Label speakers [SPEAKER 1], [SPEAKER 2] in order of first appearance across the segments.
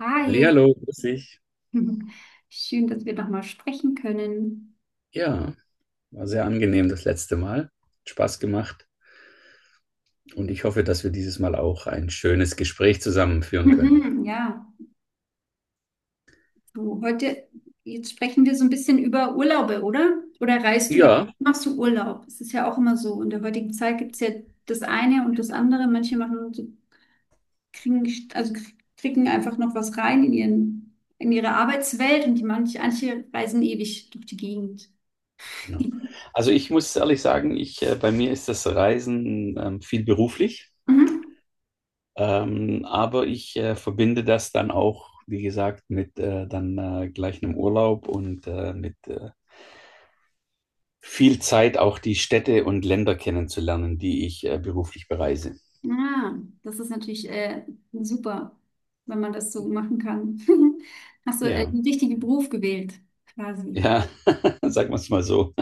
[SPEAKER 1] Hi,
[SPEAKER 2] Hallihallo, grüß dich.
[SPEAKER 1] schön, dass wir nochmal sprechen können.
[SPEAKER 2] Ja, war sehr angenehm das letzte Mal. Hat Spaß gemacht und ich hoffe, dass wir dieses Mal auch ein schönes Gespräch zusammen führen können.
[SPEAKER 1] Mhm, ja, du, heute, jetzt sprechen wir so ein bisschen über Urlaube, oder? Oder reist du, gern?
[SPEAKER 2] Ja,
[SPEAKER 1] Machst du Urlaub? Es ist ja auch immer so. In der heutigen Zeit gibt es ja das eine und das andere. Manche machen, so- kriegen, also kriegen einfach noch was rein in ihren, in ihre Arbeitswelt und die manche reisen ewig durch die Gegend.
[SPEAKER 2] genau. Also ich muss ehrlich sagen, bei mir ist das Reisen viel beruflich, aber ich verbinde das dann auch, wie gesagt, mit dann gleich einem Urlaub und mit viel Zeit auch die Städte und Länder kennenzulernen, die ich beruflich bereise.
[SPEAKER 1] Ah, das ist natürlich super, wenn man das so machen kann. Hast du
[SPEAKER 2] Ja,
[SPEAKER 1] den richtigen Beruf gewählt, quasi.
[SPEAKER 2] ja, sagen wir es mal so.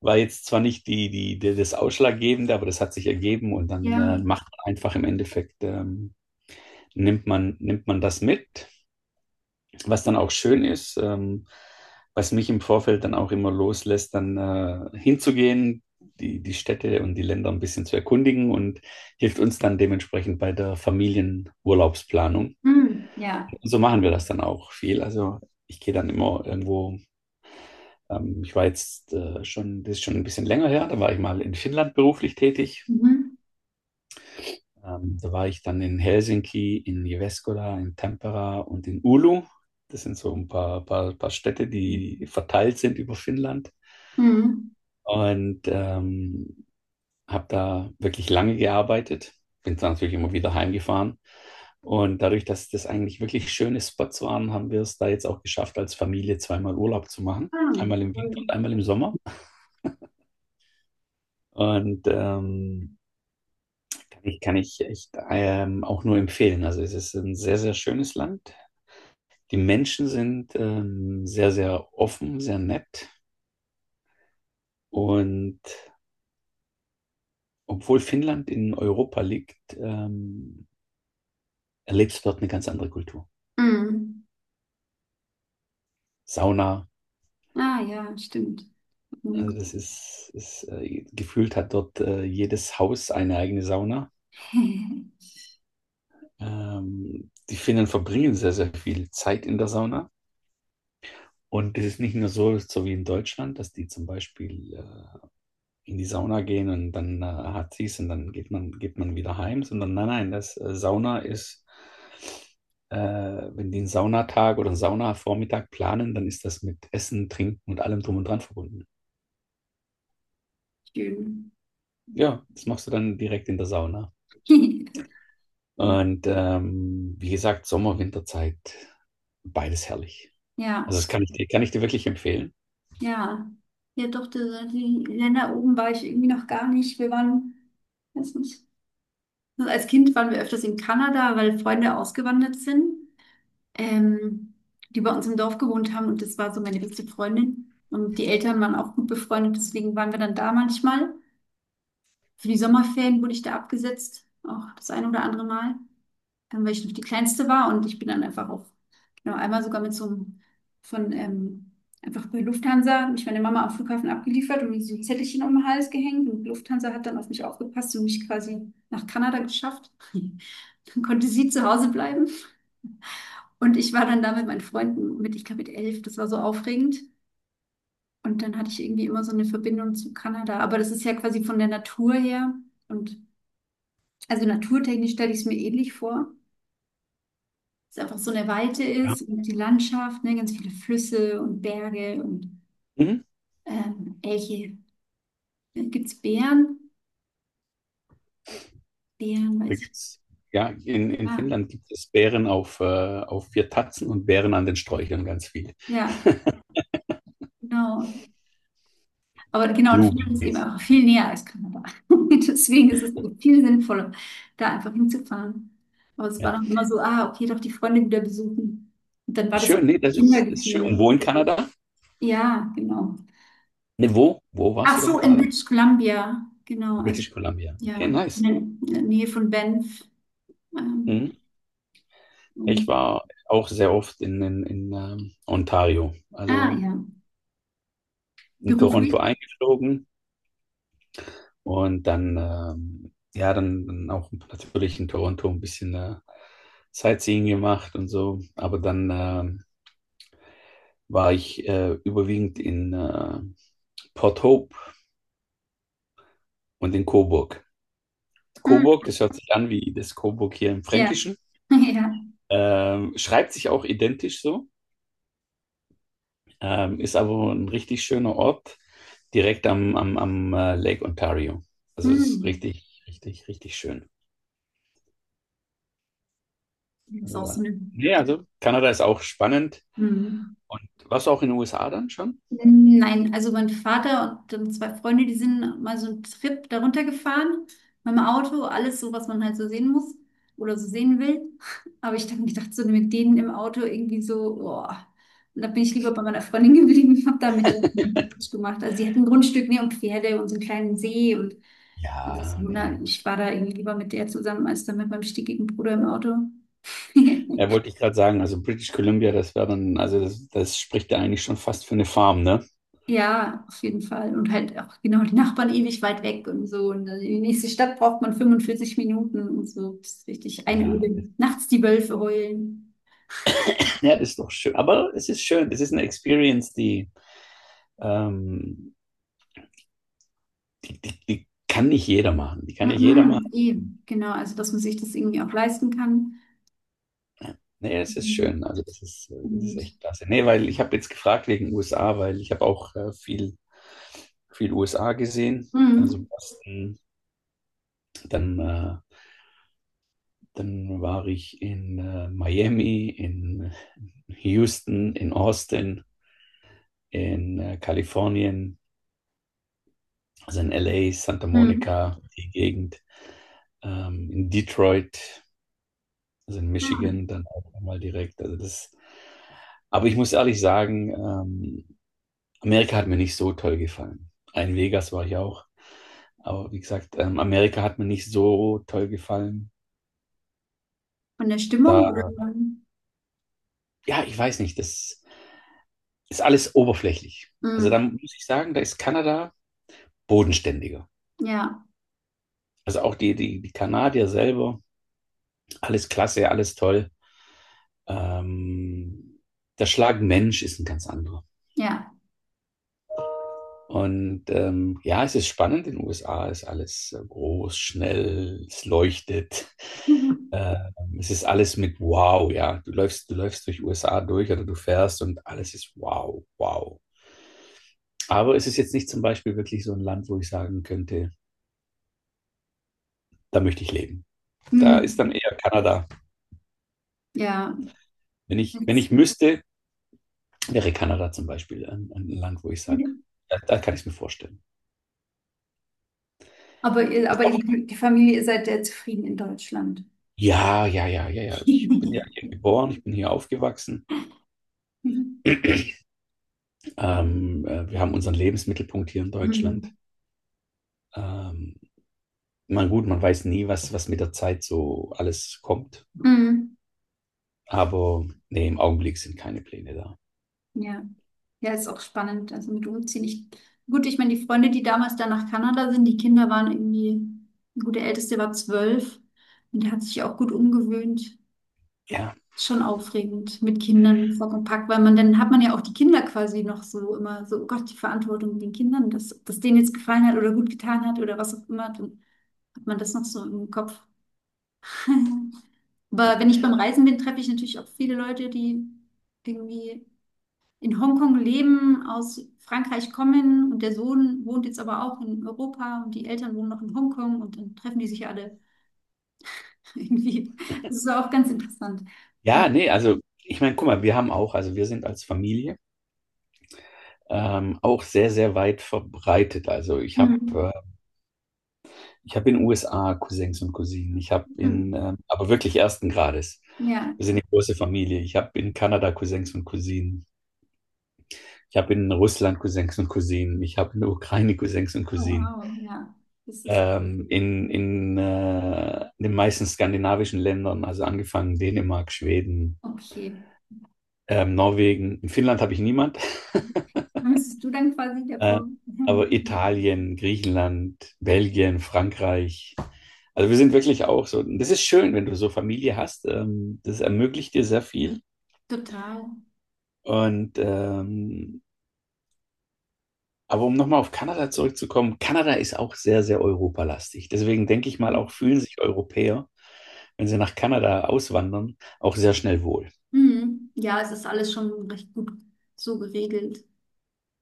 [SPEAKER 2] War jetzt zwar nicht das Ausschlaggebende, aber das hat sich ergeben und dann
[SPEAKER 1] Ja.
[SPEAKER 2] macht man einfach im Endeffekt, nimmt man das mit, was dann auch schön ist, was mich im Vorfeld dann auch immer loslässt, dann hinzugehen, die Städte und die Länder ein bisschen zu erkundigen und hilft uns dann dementsprechend bei der Familienurlaubsplanung.
[SPEAKER 1] Mm, ja.
[SPEAKER 2] Und so machen wir das dann auch viel. Also ich gehe dann immer irgendwo, ich war jetzt schon, das ist schon ein bisschen länger her, da war ich mal in Finnland beruflich tätig.
[SPEAKER 1] Mhm.
[SPEAKER 2] Da war ich dann in Helsinki, in Jyväskylä, in Tampere und in Oulu. Das sind so ein paar Städte, die verteilt sind über Finnland.
[SPEAKER 1] Mhm.
[SPEAKER 2] Und habe da wirklich lange gearbeitet. Bin dann natürlich immer wieder heimgefahren. Und dadurch, dass das eigentlich wirklich schöne Spots waren, haben wir es da jetzt auch geschafft, als Familie zweimal Urlaub zu machen.
[SPEAKER 1] Ah,
[SPEAKER 2] Einmal im Winter und
[SPEAKER 1] toll.
[SPEAKER 2] einmal im Sommer. Und kann ich echt auch nur empfehlen. Also es ist ein sehr, sehr schönes Land. Die Menschen sind sehr, sehr offen, sehr nett. Und obwohl Finnland in Europa liegt, erlebst du dort eine ganz andere Kultur.
[SPEAKER 1] Mm.
[SPEAKER 2] Sauna,
[SPEAKER 1] Ah, ja, stimmt.
[SPEAKER 2] also
[SPEAKER 1] Mhm.
[SPEAKER 2] das ist gefühlt hat dort jedes Haus eine eigene Sauna. Die Finnen verbringen sehr, sehr viel Zeit in der Sauna. Und es ist nicht nur so, wie in Deutschland, dass die zum Beispiel in die Sauna gehen und dann hat sie's und dann geht man wieder heim, sondern nein, nein, das Sauna ist, wenn die einen Saunatag oder einen Saunavormittag planen, dann ist das mit Essen, Trinken und allem drum und dran verbunden.
[SPEAKER 1] Schön.
[SPEAKER 2] Ja, das machst du dann direkt in der Sauna. Und wie gesagt, Sommer, Winterzeit, beides herrlich. Also
[SPEAKER 1] Ja,
[SPEAKER 2] das kann ich dir wirklich empfehlen.
[SPEAKER 1] ja. Ja, doch, die, die Länder oben war ich irgendwie noch gar nicht. Wir waren, weiß nicht. Also als Kind waren wir öfters in Kanada, weil Freunde ausgewandert sind. ähm, Die bei uns im Dorf gewohnt haben und das war so meine beste Freundin. Und die Eltern waren auch gut befreundet, deswegen waren wir dann da manchmal. Für die Sommerferien wurde ich da abgesetzt, auch das ein oder andere Mal, weil ich noch die Kleinste war und ich bin dann einfach auch, genau, einmal sogar mit so einem, von, ähm, einfach bei Lufthansa, hat mich meine Mama am Flughafen abgeliefert und mir so ein Zettelchen um den Hals gehängt und Lufthansa hat dann auf mich aufgepasst und mich quasi nach Kanada geschafft. Dann konnte sie zu Hause bleiben. Und ich war dann da mit meinen Freunden mit, ich glaube, mit 11, das war so aufregend. Und dann hatte ich irgendwie immer so eine Verbindung zu Kanada. Aber das ist ja quasi von der Natur her. Und also naturtechnisch stelle ich es mir ähnlich vor. Dass es einfach so eine Weite
[SPEAKER 2] Ja.
[SPEAKER 1] ist und die Landschaft, ne, ganz viele Flüsse und Berge und
[SPEAKER 2] Mhm.
[SPEAKER 1] Elche. Gibt es Bären? Bären,
[SPEAKER 2] Da
[SPEAKER 1] weiß ich.
[SPEAKER 2] gibt's, ja, in
[SPEAKER 1] Ah,
[SPEAKER 2] Finnland gibt es Bären auf vier Tatzen und Bären an den Sträuchern ganz viel.
[SPEAKER 1] ja, genau. Aber genau, und Finnland ist eben
[SPEAKER 2] Blueberries.
[SPEAKER 1] einfach viel näher als Kanada. Deswegen ist es so viel sinnvoller, da einfach hinzufahren. Aber es war
[SPEAKER 2] Ja.
[SPEAKER 1] dann immer so, ah, okay, doch die Freunde wieder besuchen. Und dann war das
[SPEAKER 2] Schön,
[SPEAKER 1] auch ein
[SPEAKER 2] nee, das ist, schön.
[SPEAKER 1] Kindergefühl.
[SPEAKER 2] Und wo in Kanada?
[SPEAKER 1] Ja, genau.
[SPEAKER 2] Nee, wo? Wo warst
[SPEAKER 1] Ach
[SPEAKER 2] du da in
[SPEAKER 1] so, in
[SPEAKER 2] Kanada?
[SPEAKER 1] British Columbia, genau, also
[SPEAKER 2] British Columbia. Okay,
[SPEAKER 1] ja,
[SPEAKER 2] nice.
[SPEAKER 1] in der Nähe von Banff. Ähm,
[SPEAKER 2] Mhm. Ich
[SPEAKER 1] und-
[SPEAKER 2] war auch sehr oft in Ontario,
[SPEAKER 1] ah,
[SPEAKER 2] also
[SPEAKER 1] ja,
[SPEAKER 2] in Toronto
[SPEAKER 1] beruflich.
[SPEAKER 2] eingeflogen und dann, ja, dann auch natürlich in Toronto ein bisschen Sightseeing gemacht und so. Aber dann war ich überwiegend in Port Hope und in Coburg.
[SPEAKER 1] Mm,
[SPEAKER 2] Coburg, das hört sich an wie das Coburg hier im
[SPEAKER 1] ja,
[SPEAKER 2] Fränkischen.
[SPEAKER 1] ja.
[SPEAKER 2] Schreibt sich auch identisch so, ist aber ein richtig schöner Ort, direkt am Lake Ontario. Also es ist
[SPEAKER 1] Mm.
[SPEAKER 2] richtig, richtig, richtig schön.
[SPEAKER 1] Das ist auch so
[SPEAKER 2] Also,
[SPEAKER 1] eine.
[SPEAKER 2] nee, also Kanada ist auch spannend.
[SPEAKER 1] Mm.
[SPEAKER 2] Und warst du auch in den USA dann schon?
[SPEAKER 1] Nein, also mein Vater und zwei Freunde, die sind mal so einen Trip darunter gefahren mit dem Auto, alles so, was man halt so sehen muss oder so sehen will. Aber ich habe mir gedacht, so mit denen im Auto irgendwie so, boah. Und da bin ich lieber bei meiner Freundin geblieben, habe da mit ihr nichts gemacht. Also sie hat ein Grundstück, ne, und Pferde und so einen kleinen See und das,
[SPEAKER 2] ja, nee.
[SPEAKER 1] na, ich war da irgendwie lieber mit der zusammen als dann mit meinem stickigen Bruder im Auto.
[SPEAKER 2] Ja, wollte ich gerade sagen, also British Columbia, das wäre dann, also das spricht ja eigentlich schon fast für eine Farm, ne?
[SPEAKER 1] Ja, auf jeden Fall. Und halt auch genau die Nachbarn ewig weit weg und so. Und dann in die nächste Stadt braucht man 45 Minuten und so. Das ist richtig
[SPEAKER 2] Ja,
[SPEAKER 1] einöden.
[SPEAKER 2] das,
[SPEAKER 1] Nachts die Wölfe heulen.
[SPEAKER 2] ja, das ist doch schön. Aber es ist schön, das ist eine Experience, die Ähm, die kann nicht jeder machen. Die kann nicht jeder machen.
[SPEAKER 1] Mhm, eben, genau. Also, dass man sich das irgendwie auch leisten kann.
[SPEAKER 2] Nee, es ist
[SPEAKER 1] Mhm.
[SPEAKER 2] schön. Also das ist
[SPEAKER 1] Und
[SPEAKER 2] echt klasse. Nee, weil ich habe jetzt gefragt wegen USA, weil ich habe auch viel USA gesehen. Also
[SPEAKER 1] mhm.
[SPEAKER 2] Boston, dann, dann war ich in Miami, in Houston, in Austin, in Kalifornien, also in LA, Santa
[SPEAKER 1] Mhm.
[SPEAKER 2] Monica, die Gegend, in Detroit, also in
[SPEAKER 1] Ja.
[SPEAKER 2] Michigan, dann auch nochmal direkt. Also das Aber ich muss ehrlich sagen, Amerika hat mir nicht so toll gefallen. In Vegas war ich auch. Aber wie gesagt, Amerika hat mir nicht so toll gefallen.
[SPEAKER 1] Von der Stimmung würde.
[SPEAKER 2] Da, ja, ich weiß nicht, das ist alles oberflächlich. Also da
[SPEAKER 1] Mhm.
[SPEAKER 2] muss ich sagen, da ist Kanada bodenständiger.
[SPEAKER 1] Ja,
[SPEAKER 2] Also auch die Kanadier selber, alles klasse, alles toll. Ähm, Der Schlag Mensch ist ein ganz anderer.
[SPEAKER 1] ja.
[SPEAKER 2] Und ja, es ist spannend. In den USA ist alles groß, schnell, es leuchtet.
[SPEAKER 1] Mhm.
[SPEAKER 2] Äh, Es ist alles mit Wow, ja. Du läufst durch USA durch oder du fährst und alles ist Wow, wow. Aber es ist jetzt nicht zum Beispiel wirklich so ein Land, wo ich sagen könnte, da möchte ich leben. Da ist
[SPEAKER 1] Mhm.
[SPEAKER 2] dann eher Kanada.
[SPEAKER 1] Ja.
[SPEAKER 2] Wenn
[SPEAKER 1] Jetzt-
[SPEAKER 2] ich müsste, wäre Kanada zum Beispiel ein Land, wo ich sage, da kann ich es mir vorstellen.
[SPEAKER 1] aber, ihr- aber
[SPEAKER 2] Ist auch,
[SPEAKER 1] ihr- die Familie, ihr seid ja zufrieden in Deutschland.
[SPEAKER 2] ja, ja, ja, ja, ja. Ich bin ja hier geboren, ich bin hier aufgewachsen. Wir haben unseren Lebensmittelpunkt hier in Deutschland.
[SPEAKER 1] Mhm.
[SPEAKER 2] Ähm, gut, man weiß nie, was, mit der Zeit so alles kommt.
[SPEAKER 1] Mhm.
[SPEAKER 2] Aber nee, im Augenblick sind keine Pläne da.
[SPEAKER 1] Ja. Ja, ist auch spannend. Also mit Umziehen. Ich, gut, ich meine, die Freunde, die damals da nach Kanada sind, die Kinder waren irgendwie, gut, der Älteste war 12 und der hat sich auch gut umgewöhnt.
[SPEAKER 2] Ja,
[SPEAKER 1] Schon aufregend mit Kindern Sack und Pack, weil man dann hat man ja auch die Kinder quasi noch so immer so, oh Gott, die Verantwortung mit den Kindern, dass das denen jetzt gefallen hat oder gut getan hat oder was auch immer, dann hat man das noch so im Kopf. Aber wenn ich beim Reisen bin, treffe ich natürlich auch viele Leute, die irgendwie in Hongkong leben, aus Frankreich kommen und der Sohn wohnt jetzt aber auch in Europa und die Eltern wohnen noch in Hongkong und dann treffen die sich ja alle irgendwie. Das ist auch ganz interessant. Und
[SPEAKER 2] ja, nee, also ich meine, guck mal, wir haben auch, also wir sind als Familie auch sehr, sehr weit verbreitet. Also
[SPEAKER 1] mhm.
[SPEAKER 2] ich habe in den USA Cousins und Cousinen. Ich habe in,
[SPEAKER 1] Mhm.
[SPEAKER 2] ähm, aber wirklich ersten Grades.
[SPEAKER 1] Ja,
[SPEAKER 2] Wir sind eine große Familie. Ich habe in Kanada Cousins und Cousinen. Ich habe in Russland Cousins und Cousinen. Ich habe in der Ukraine Cousins und
[SPEAKER 1] oh,
[SPEAKER 2] Cousinen.
[SPEAKER 1] wow, ja, das ist
[SPEAKER 2] In den meisten skandinavischen Ländern, also angefangen Dänemark, Schweden,
[SPEAKER 1] okay.
[SPEAKER 2] Norwegen. In Finnland habe ich niemand.
[SPEAKER 1] Dann bist du dann quasi der
[SPEAKER 2] äh,
[SPEAKER 1] Vor.
[SPEAKER 2] aber
[SPEAKER 1] Mhm.
[SPEAKER 2] Italien, Griechenland, Belgien, Frankreich. Also wir sind wirklich auch so. Das ist schön, wenn du so Familie hast. Das ermöglicht dir sehr viel.
[SPEAKER 1] Total.
[SPEAKER 2] Und ähm, Aber um nochmal auf Kanada zurückzukommen, Kanada ist auch sehr, sehr europalastig. Deswegen denke ich mal, auch
[SPEAKER 1] Mhm.
[SPEAKER 2] fühlen sich Europäer, wenn sie nach Kanada auswandern, auch sehr schnell wohl.
[SPEAKER 1] Mhm. Ja, es ist alles schon recht gut so geregelt.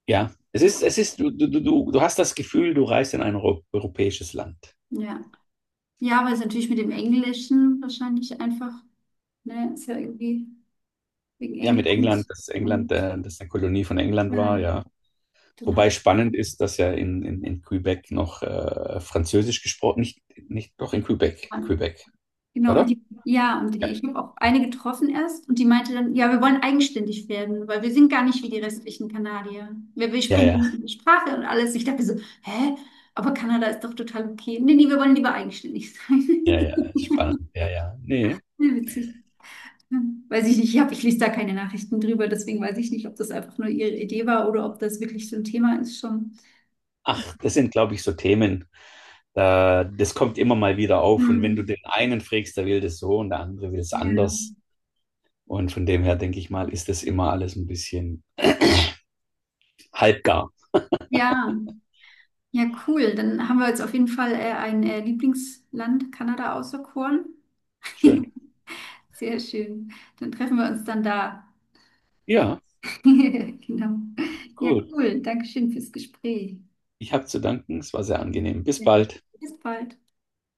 [SPEAKER 2] Ja,
[SPEAKER 1] Ja,
[SPEAKER 2] es ist, du, du hast das Gefühl, du reist in ein europäisches Land.
[SPEAKER 1] ja. Ja, weil es natürlich mit dem Englischen wahrscheinlich einfach, ne, ist ja irgendwie. Wegen
[SPEAKER 2] Ja,
[SPEAKER 1] Englisch.
[SPEAKER 2] mit England, dass
[SPEAKER 1] Und
[SPEAKER 2] dass eine Kolonie von England
[SPEAKER 1] ja,
[SPEAKER 2] war, ja.
[SPEAKER 1] dann hat
[SPEAKER 2] Wobei spannend ist, dass ja in Quebec noch Französisch gesprochen, nicht, doch in Quebec,
[SPEAKER 1] man.
[SPEAKER 2] Quebec,
[SPEAKER 1] Genau, und
[SPEAKER 2] oder?
[SPEAKER 1] die, ja, und
[SPEAKER 2] Ja,
[SPEAKER 1] die, ich habe auch eine getroffen erst und die meinte dann, ja, wir wollen eigenständig werden, weil wir sind gar nicht wie die restlichen Kanadier. Wir
[SPEAKER 2] ja,
[SPEAKER 1] sprechen nur
[SPEAKER 2] ja,
[SPEAKER 1] die Sprache und alles. Ich dachte so, hä? Aber Kanada ist doch total okay. Nee, nee, wir wollen lieber eigenständig sein.
[SPEAKER 2] ja, ja, spannend, ja, ja. Nee,
[SPEAKER 1] Ja, witzig. Ja. Weiß ich nicht, ich hab, ich lese da keine Nachrichten drüber, deswegen weiß ich nicht, ob das einfach nur ihre Idee war oder ob das wirklich so ein Thema ist schon.
[SPEAKER 2] ach, das sind, glaube ich, so Themen. Da, das kommt immer mal wieder auf. Und wenn du
[SPEAKER 1] Hm.
[SPEAKER 2] den einen fragst, der will das so und der andere will es
[SPEAKER 1] Ja.
[SPEAKER 2] anders. Und von dem her denke ich mal, ist das immer alles ein bisschen halbgar.
[SPEAKER 1] Ja. Ja, cool. Dann haben wir jetzt auf jeden Fall ein Lieblingsland Kanada auserkoren.
[SPEAKER 2] Schön.
[SPEAKER 1] Sehr schön. Dann treffen wir uns dann da.
[SPEAKER 2] Ja,
[SPEAKER 1] Genau. Ja,
[SPEAKER 2] gut.
[SPEAKER 1] cool. Dankeschön fürs Gespräch.
[SPEAKER 2] Ich habe zu danken. Es war sehr angenehm. Bis
[SPEAKER 1] Ja.
[SPEAKER 2] bald.
[SPEAKER 1] Bis bald.